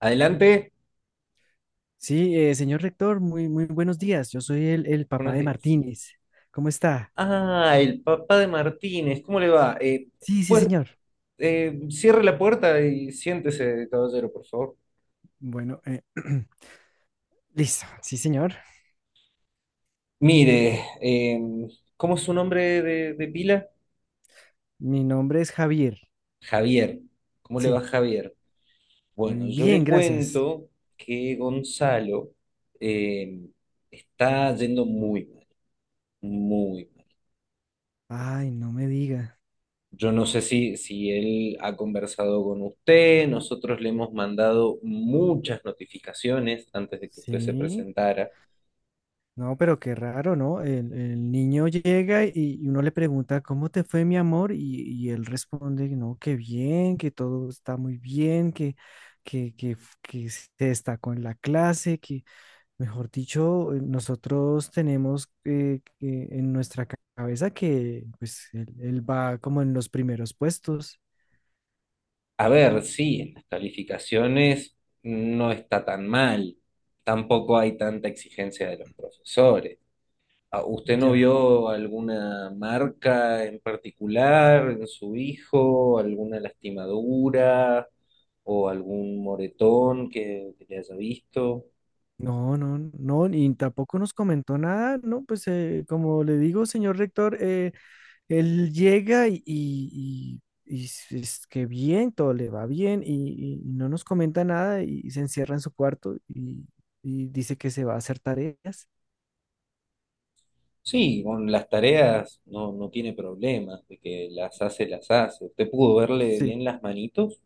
Adelante. Sí, señor rector, muy, muy buenos días. Yo soy el papá Buenos de días. Martínez. ¿Cómo está? Ah, el papá de Martínez, ¿cómo le va? Sí, sí, pues señor. Cierre la puerta y siéntese, caballero, por favor. Bueno, listo. Sí, señor. Mire, ¿cómo es su nombre de pila? Mi nombre es Javier. Javier. ¿Cómo le va Sí. Javier? Bueno, yo Bien, le gracias. cuento que Gonzalo eh, está yendo muy mal, muy. Ay, no me diga. Yo no sé si él ha conversado con usted, nosotros le hemos mandado muchas notificaciones antes de que usted se Sí. presentara. No, pero qué raro, ¿no? El niño llega y uno le pregunta, ¿cómo te fue, mi amor? Y él responde, no, que bien, que todo está muy bien, que se destacó en la clase, que. Mejor dicho, nosotros tenemos en nuestra cabeza que pues él va como en los primeros puestos. A ver, sí, en las calificaciones no está tan mal, tampoco hay tanta exigencia de los profesores. Ah, ¿usted no Ya. vio alguna marca en particular en su hijo, alguna lastimadura o algún moretón que le haya visto? No, no, no, y tampoco nos comentó nada, ¿no? Pues como le digo, señor rector, él llega y es que bien, todo le va bien y no nos comenta nada y se encierra en su cuarto y dice que se va a hacer tareas. Sí, con las tareas no, no tiene problemas, de que las hace, las hace. ¿Usted pudo verle Sí. bien las manitos?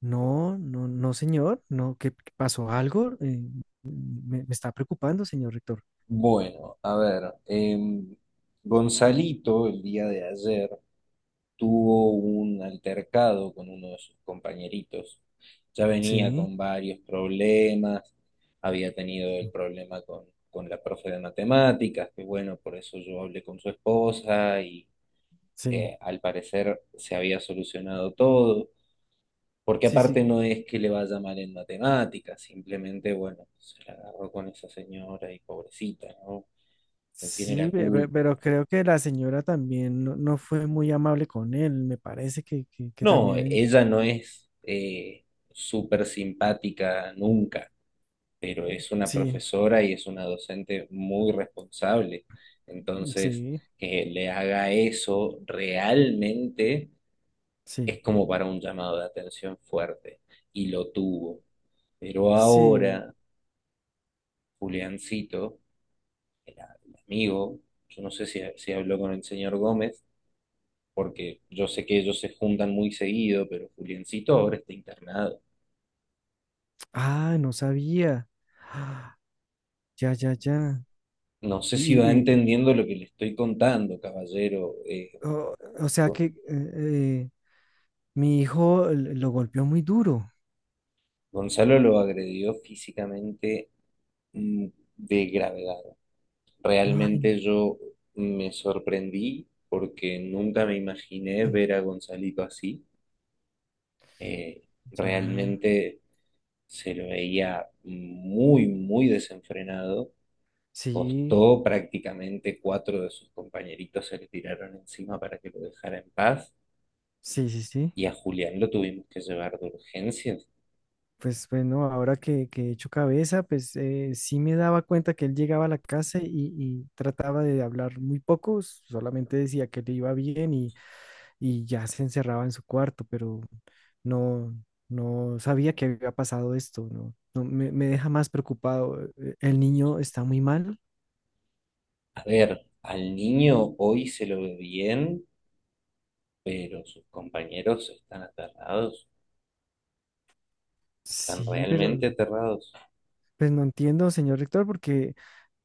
No, no, no, señor, no, ¿qué pasó algo? Me está preocupando, señor rector. Bueno, a ver, Gonzalito el día de ayer tuvo un altercado con uno de sus compañeritos. Ya venía Sí, con varios problemas, había tenido el problema con la profe de matemáticas, que bueno, por eso yo hablé con su esposa y sí, al parecer se había solucionado todo. Porque sí, sí, aparte no es que le vaya mal en matemáticas, simplemente, bueno, se la agarró con esa señora y pobrecita, ¿no? No tiene la sí, pe- pe- culpa. pero creo que la señora también no fue muy amable con él, me parece que No, también. Ella no es súper simpática nunca, pero es una Sí, profesora y es una docente muy responsable. Entonces, sí, que le haga eso realmente sí, es como para un llamado de atención fuerte. Y lo tuvo. Pero sí. ahora, Juliancito el, el amigo, yo no sé si habló con el señor Gómez, porque yo sé que ellos se juntan muy seguido, pero Juliancito ahora está internado. Ah, no sabía. Ah, ya, ya, ya. No sé si Y, va y- entendiendo lo que le estoy contando, caballero. O, o sea Go- que mi hijo lo golpeó muy duro. Gonzalo lo agredió físicamente, mm, de gravedad. No, ay, Realmente yo me sorprendí porque nunca me imaginé ver a Gonzalito así. Eh, ya. realmente se lo veía muy, muy desenfrenado. Sí, Costó prácticamente cuatro de sus compañeritos se le tiraron encima para que lo dejara en paz sí, sí, sí. y a Julián lo tuvimos que llevar de urgencias. Pues bueno, ahora que he hecho cabeza, pues sí me daba cuenta que él llegaba a la casa y trataba de hablar muy poco, solamente decía que le iba bien y ya se encerraba en su cuarto, pero no, no sabía que había pasado esto, ¿no? No, me deja más preocupado. ¿El niño está muy mal? A ver, al niño hoy se lo ve bien, pero sus compañeros están aterrados, están Sí, pero realmente aterrados. pues no entiendo, señor rector, porque.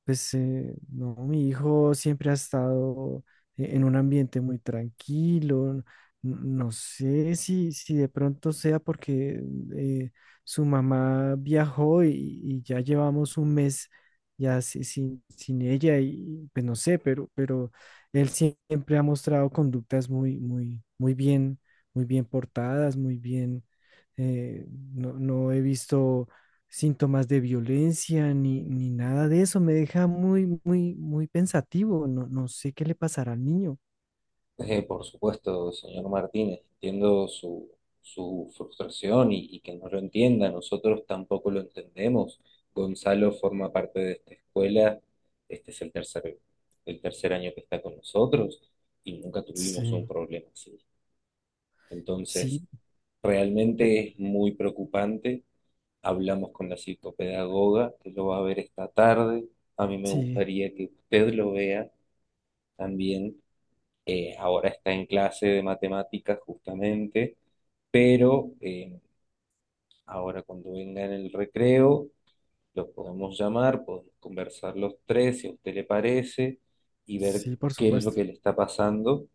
Pues no, mi hijo siempre ha estado en un ambiente muy tranquilo. No sé si de pronto sea porque eh, su mamá viajó y ya llevamos un mes ya sin ella y pues no sé, pero él siempre ha mostrado conductas muy, muy, muy bien portadas, muy bien. eh, no, no he visto síntomas de violencia ni nada de eso. Me deja muy, muy, muy pensativo. No, no sé qué le pasará al niño. Por supuesto, señor Martínez, entiendo su frustración y que no lo entienda, nosotros tampoco lo entendemos. Gonzalo forma parte de esta escuela, este es el tercer año que está con nosotros y nunca tuvimos un Sí, problema así. Entonces, sí, realmente es muy preocupante. Hablamos con la psicopedagoga que lo va a ver esta tarde. A mí me sí, gustaría que usted lo vea también. Ahora está en clase de matemáticas justamente, pero ahora cuando venga en el recreo, lo podemos llamar, podemos conversar los tres, si a usted le parece, y ver sí, por qué es lo supuesto. que le está pasando.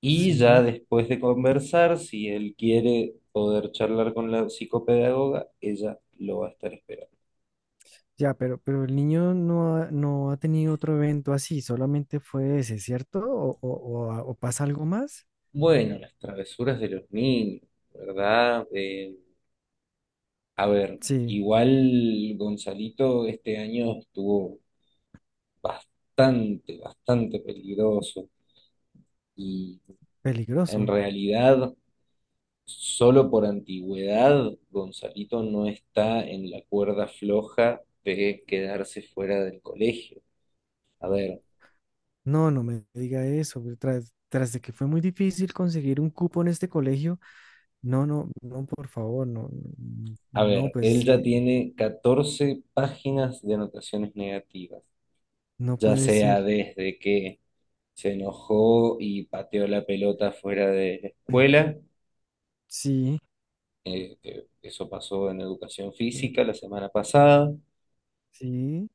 Y ya Sí, después de conversar, si él quiere poder charlar con la psicopedagoga, ella lo va a estar esperando. ya, pero el niño no ha tenido otro evento así, solamente fue ese, ¿cierto? ¿O pasa algo más? Bueno, las travesuras de los niños, ¿verdad? A ver, Sí, igual Gonzalito este año estuvo bastante, bastante peligroso. Y en peligroso. realidad, solo por antigüedad, Gonzalito no está en la cuerda floja de quedarse fuera del colegio. A ver, No, no me diga eso. Pues, tras de que fue muy difícil conseguir un cupo en este colegio, no, no, no, por favor, no, no, a no, ver, él pues, ya tiene 14 páginas de anotaciones negativas, no ya puede sea ser. desde que se enojó y pateó la pelota fuera de la escuela, Sí, que eso pasó en educación eh, física la semana pasada. sí,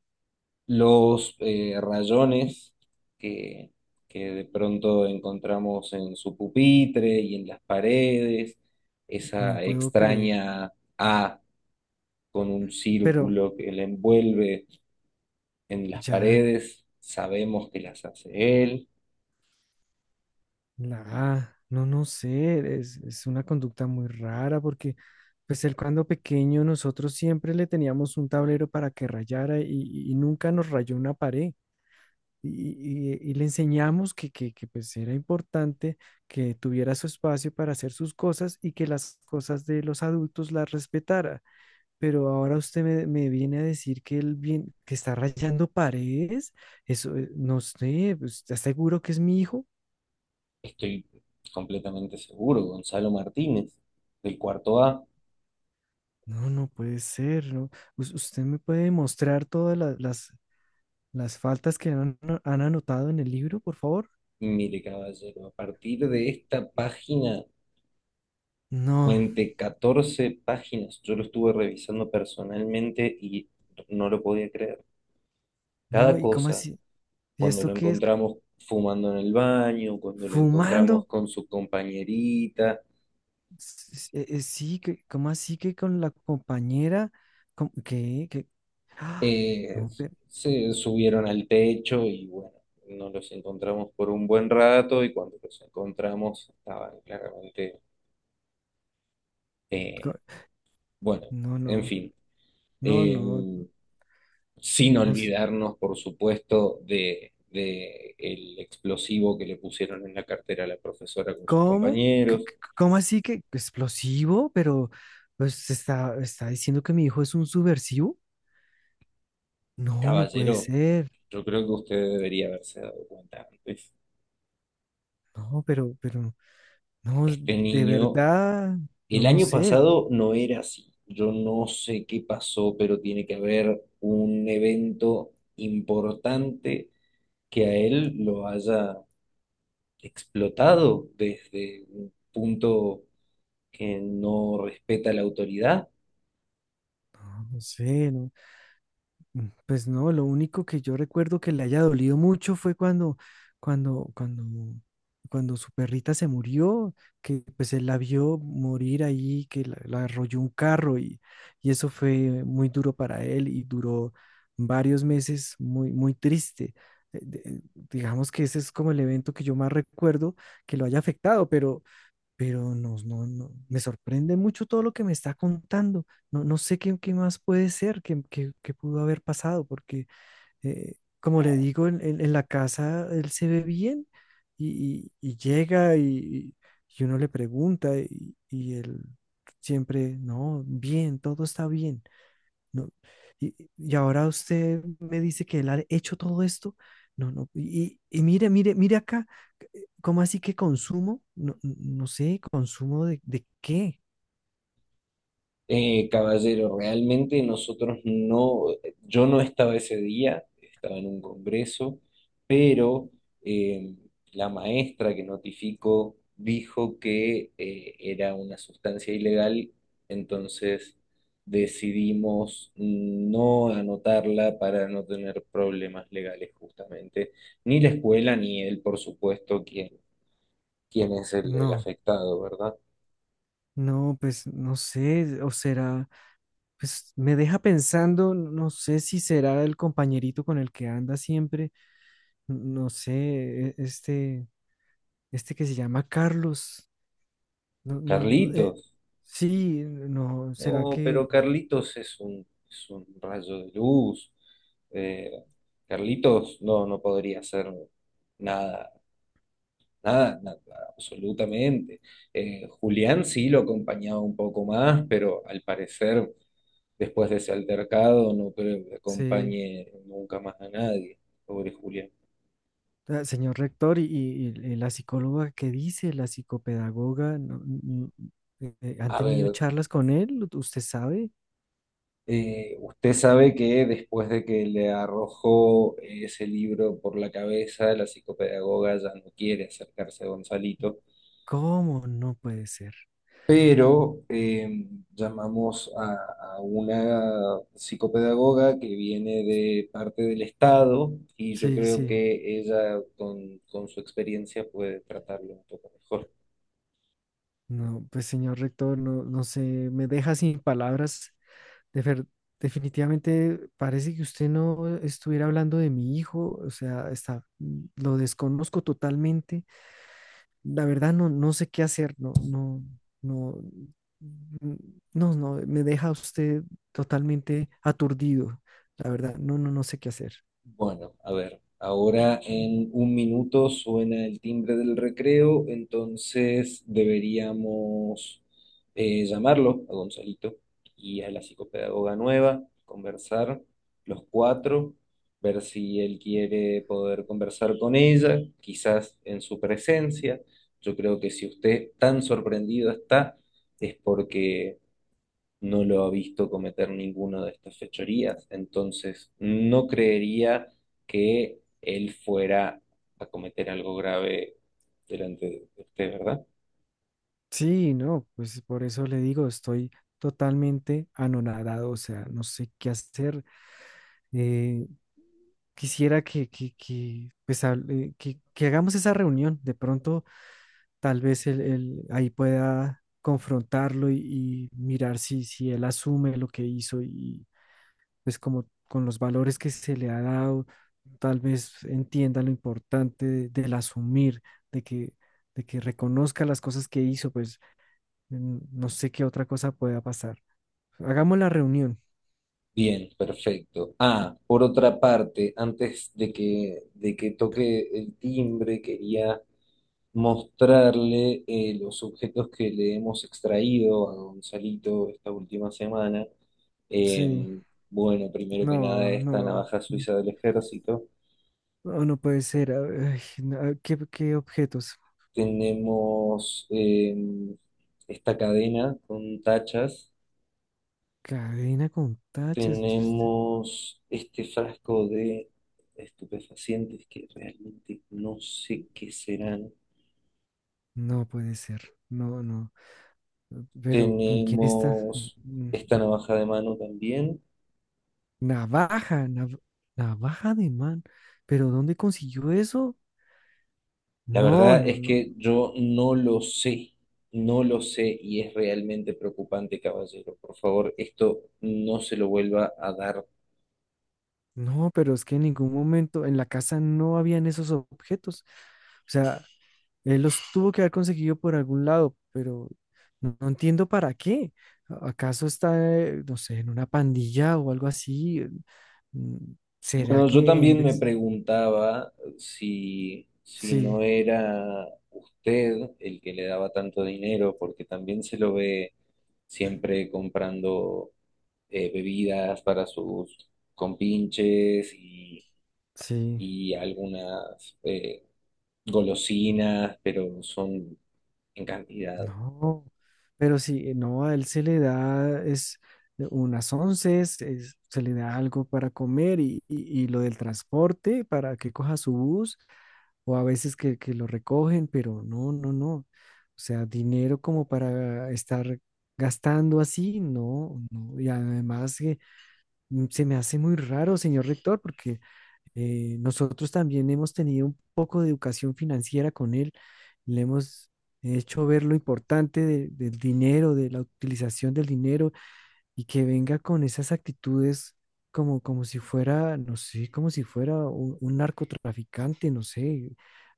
Los rayones que, que de pronto encontramos en su pupitre y en las paredes, no esa puedo creer. extraña A con un Pero círculo que le envuelve en las ya, paredes, sabemos que las hace él. la A, no, no sé, es una conducta muy rara porque pues él, cuando pequeño, nosotros siempre le teníamos un tablero para que rayara y nunca nos rayó una pared. Y, y le enseñamos que pues era importante que tuviera su espacio para hacer sus cosas y que las cosas de los adultos las respetara. Pero ahora usted me viene a decir que él bien, que está rayando paredes. Eso, no sé, pues, ¿está seguro que es mi hijo? Estoy completamente seguro, Gonzalo Martínez, del cuarto A. No, no puede ser, ¿no? ¿Usted me puede demostrar todas las faltas que han anotado en el libro, por favor? Mire, caballero, a partir de esta página. No, Fuente 14 páginas. Yo lo estuve revisando personalmente y no lo podía creer. no, Cada ¿y cómo cosa, así? ¿Y cuando lo esto qué es? Encontramos fumando en el baño, cuando lo ¿Fumando? encontramos con su compañerita, Sí, que, ¿cómo así que con la compañera? ¿Qué? ¿Qué? ¡Ah! eh, No, se subieron al techo y bueno, no los encontramos por un buen rato y cuando los encontramos estaban claramente, eh, co- bueno, no, en no, fin. no, no. Eh, sin No, sí. olvidarnos, por supuesto, de el explosivo que le pusieron en la cartera a la profesora con sus ¿Cómo? Compañeros. ¿Cómo así que explosivo? Pero pues está diciendo que mi hijo es un subversivo. No, no puede Caballero, ser. yo creo que usted debería haberse dado cuenta antes. No, pero, no, Este de niño, verdad, el no, no año sé, pasado no era así. Yo no sé qué pasó, pero tiene que haber un evento importante que a él lo haya explotado desde un punto que no respeta la autoridad. no, no sé, no. Pues no, lo único que yo recuerdo que le haya dolido mucho fue cuando, cuando, cuando su perrita se murió, que pues él la vio morir ahí, que la arrolló un carro y eso fue muy duro para él y duró varios meses muy, muy triste. Eh, de- eh, digamos que ese es como el evento que yo más recuerdo que lo haya afectado, pero no, no, no, me sorprende mucho todo lo que me está contando. No, no sé qué más puede ser, qué pudo haber pasado, porque eh, como le digo, en la casa él se ve bien y llega y uno le pregunta y él siempre, no, bien, todo está bien. No, y ahora usted me dice que él ha hecho todo esto. No, no, y mire, mire, mire acá. ¿Cómo así que consumo? No, no sé, ¿consumo de qué? Caballero, realmente nosotros no, yo no estaba ese día, estaba en un congreso, pero eh, la maestra que notificó dijo que era una sustancia ilegal, entonces decidimos no anotarla para no tener problemas legales justamente, ni la escuela ni él, por supuesto, quien es el No, afectado, ¿verdad? no, pues no sé, o será, pues me deja pensando, no sé si será el compañerito con el que anda siempre, no sé, e- este, este que se llama Carlos, no, no, no, Carlitos. sí, no, ¿será Oh, pero que Carlitos es es un rayo de luz. Eh, Carlitos no, no podría hacer nada, nada, nada, absolutamente. Julián sí lo acompañaba un poco más, pero al parecer, después de ese altercado, no creo que se? acompañe nunca más a nadie. Pobre Julián. Ah, señor rector, y la psicóloga que dice, la psicopedagoga, no, no, ¿han A tenido ver, charlas con él? ¿Usted sabe? Usted sabe que después de que le arrojó ese libro por la cabeza, la psicopedagoga ya no quiere acercarse a Gonzalito, ¿Cómo? No puede ser. pero llamamos a una psicopedagoga que viene de parte del Estado y yo Sí, creo sí. que ella con su experiencia puede tratarlo un poco mejor. No, pues señor rector, no, no sé, me deja sin palabras. De ver- definitivamente parece que usted no estuviera hablando de mi hijo, o sea, está, lo desconozco totalmente. La verdad no, no sé qué hacer, no, no, no, mm, no, no, me deja usted totalmente aturdido. La verdad, no, no, no sé qué hacer. Bueno, a ver, ahora en un minuto suena el timbre del recreo, entonces deberíamos llamarlo a Gonzalito y a la psicopedagoga nueva, conversar los cuatro, ver si él quiere poder conversar con ella, quizás en su presencia. Yo creo que si usted tan sorprendido está, es porque no lo ha visto cometer ninguna de estas fechorías, entonces no creería que él fuera a cometer algo grave delante de usted, ¿verdad? Sí, no, pues por eso le digo, estoy totalmente anonadado, o sea, no sé qué hacer. Eh, Quisiera que, pues, hable- que hagamos esa reunión. De pronto, tal vez él ahí pueda confrontarlo y mirar si él asume lo que hizo y pues como con los valores que se le ha dado, tal vez entienda lo importante del asumir, de que, de que reconozca las cosas que hizo, pues. No sé qué otra cosa pueda pasar. Hagamos la reunión. Bien, perfecto. Ah, por otra parte, de que toque el timbre, quería mostrarle los objetos que le hemos extraído a Gonzalito esta última semana. Sí, Em, bueno, primero que nada, no, esta no, navaja suiza del ejército, no, no puede ser. Ay, no, ¿qué objetos? tenemos esta cadena con tachas, Cadena con tachas. Tenemos este frasco de estupefacientes que realmente no sé qué serán, No puede ser. No, no. Pero ¿con quién está? tenemos esta navaja de mano también. Navaja, nav- navaja de man. ¿Pero dónde consiguió eso? La No, verdad no, es no, que yo no lo sé, no lo sé y es realmente preocupante, caballero. Por favor, esto no se lo vuelva a dar. no, pero es que en ningún momento en la casa no habían esos objetos. O sea, él los tuvo que haber conseguido por algún lado, pero no, no entiendo para qué. ¿Acaso está, no sé, en una pandilla o algo así? Mm, ¿Será Bueno, yo que en también me vez? preguntaba si Sí, no era usted el que le daba tanto dinero, porque también se lo ve siempre comprando bebidas para sus compinches sí, y algunas golosinas, pero son en cantidad. no. Pero sí, no, a él se le da, es unas onces, se le da algo para comer y lo del transporte para que coja su bus o a veces que lo recogen, pero no, no, no. O sea, dinero como para estar gastando así, no, no. Y además que se me hace muy raro, señor rector, porque nosotros también hemos tenido un poco de educación financiera con él. Le hemos hecho ver lo importante del dinero, de la utilización del dinero y que venga con esas actitudes como si fuera, no sé, como si fuera un narcotraficante, no sé.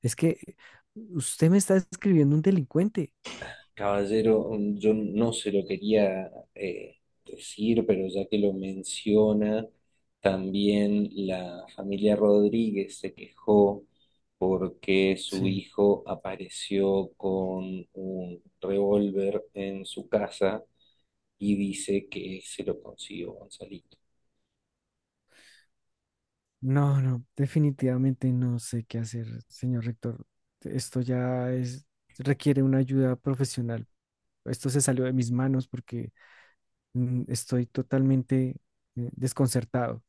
Es que usted me está describiendo un delincuente. Caballero, yo no se lo quería decir, pero ya que lo menciona, también la familia Rodríguez se quejó porque su Sí, hijo apareció con un revólver en su casa y dice que se lo consiguió Gonzalito. no, no, definitivamente no sé qué hacer, señor rector. Esto ya es, requiere una ayuda profesional. Esto se salió de mis manos porque estoy totalmente desconcertado.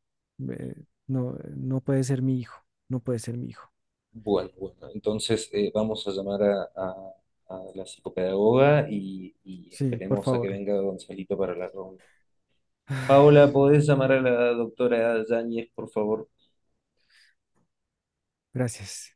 No, no puede ser mi hijo, no puede ser mi hijo. Bueno, bueno, entonces vamos a llamar a la psicopedagoga y Sí, por esperemos a que favor. venga Gonzalito para la reunión. Paola, ¿podés llamar a la doctora Yáñez, por favor? Gracias.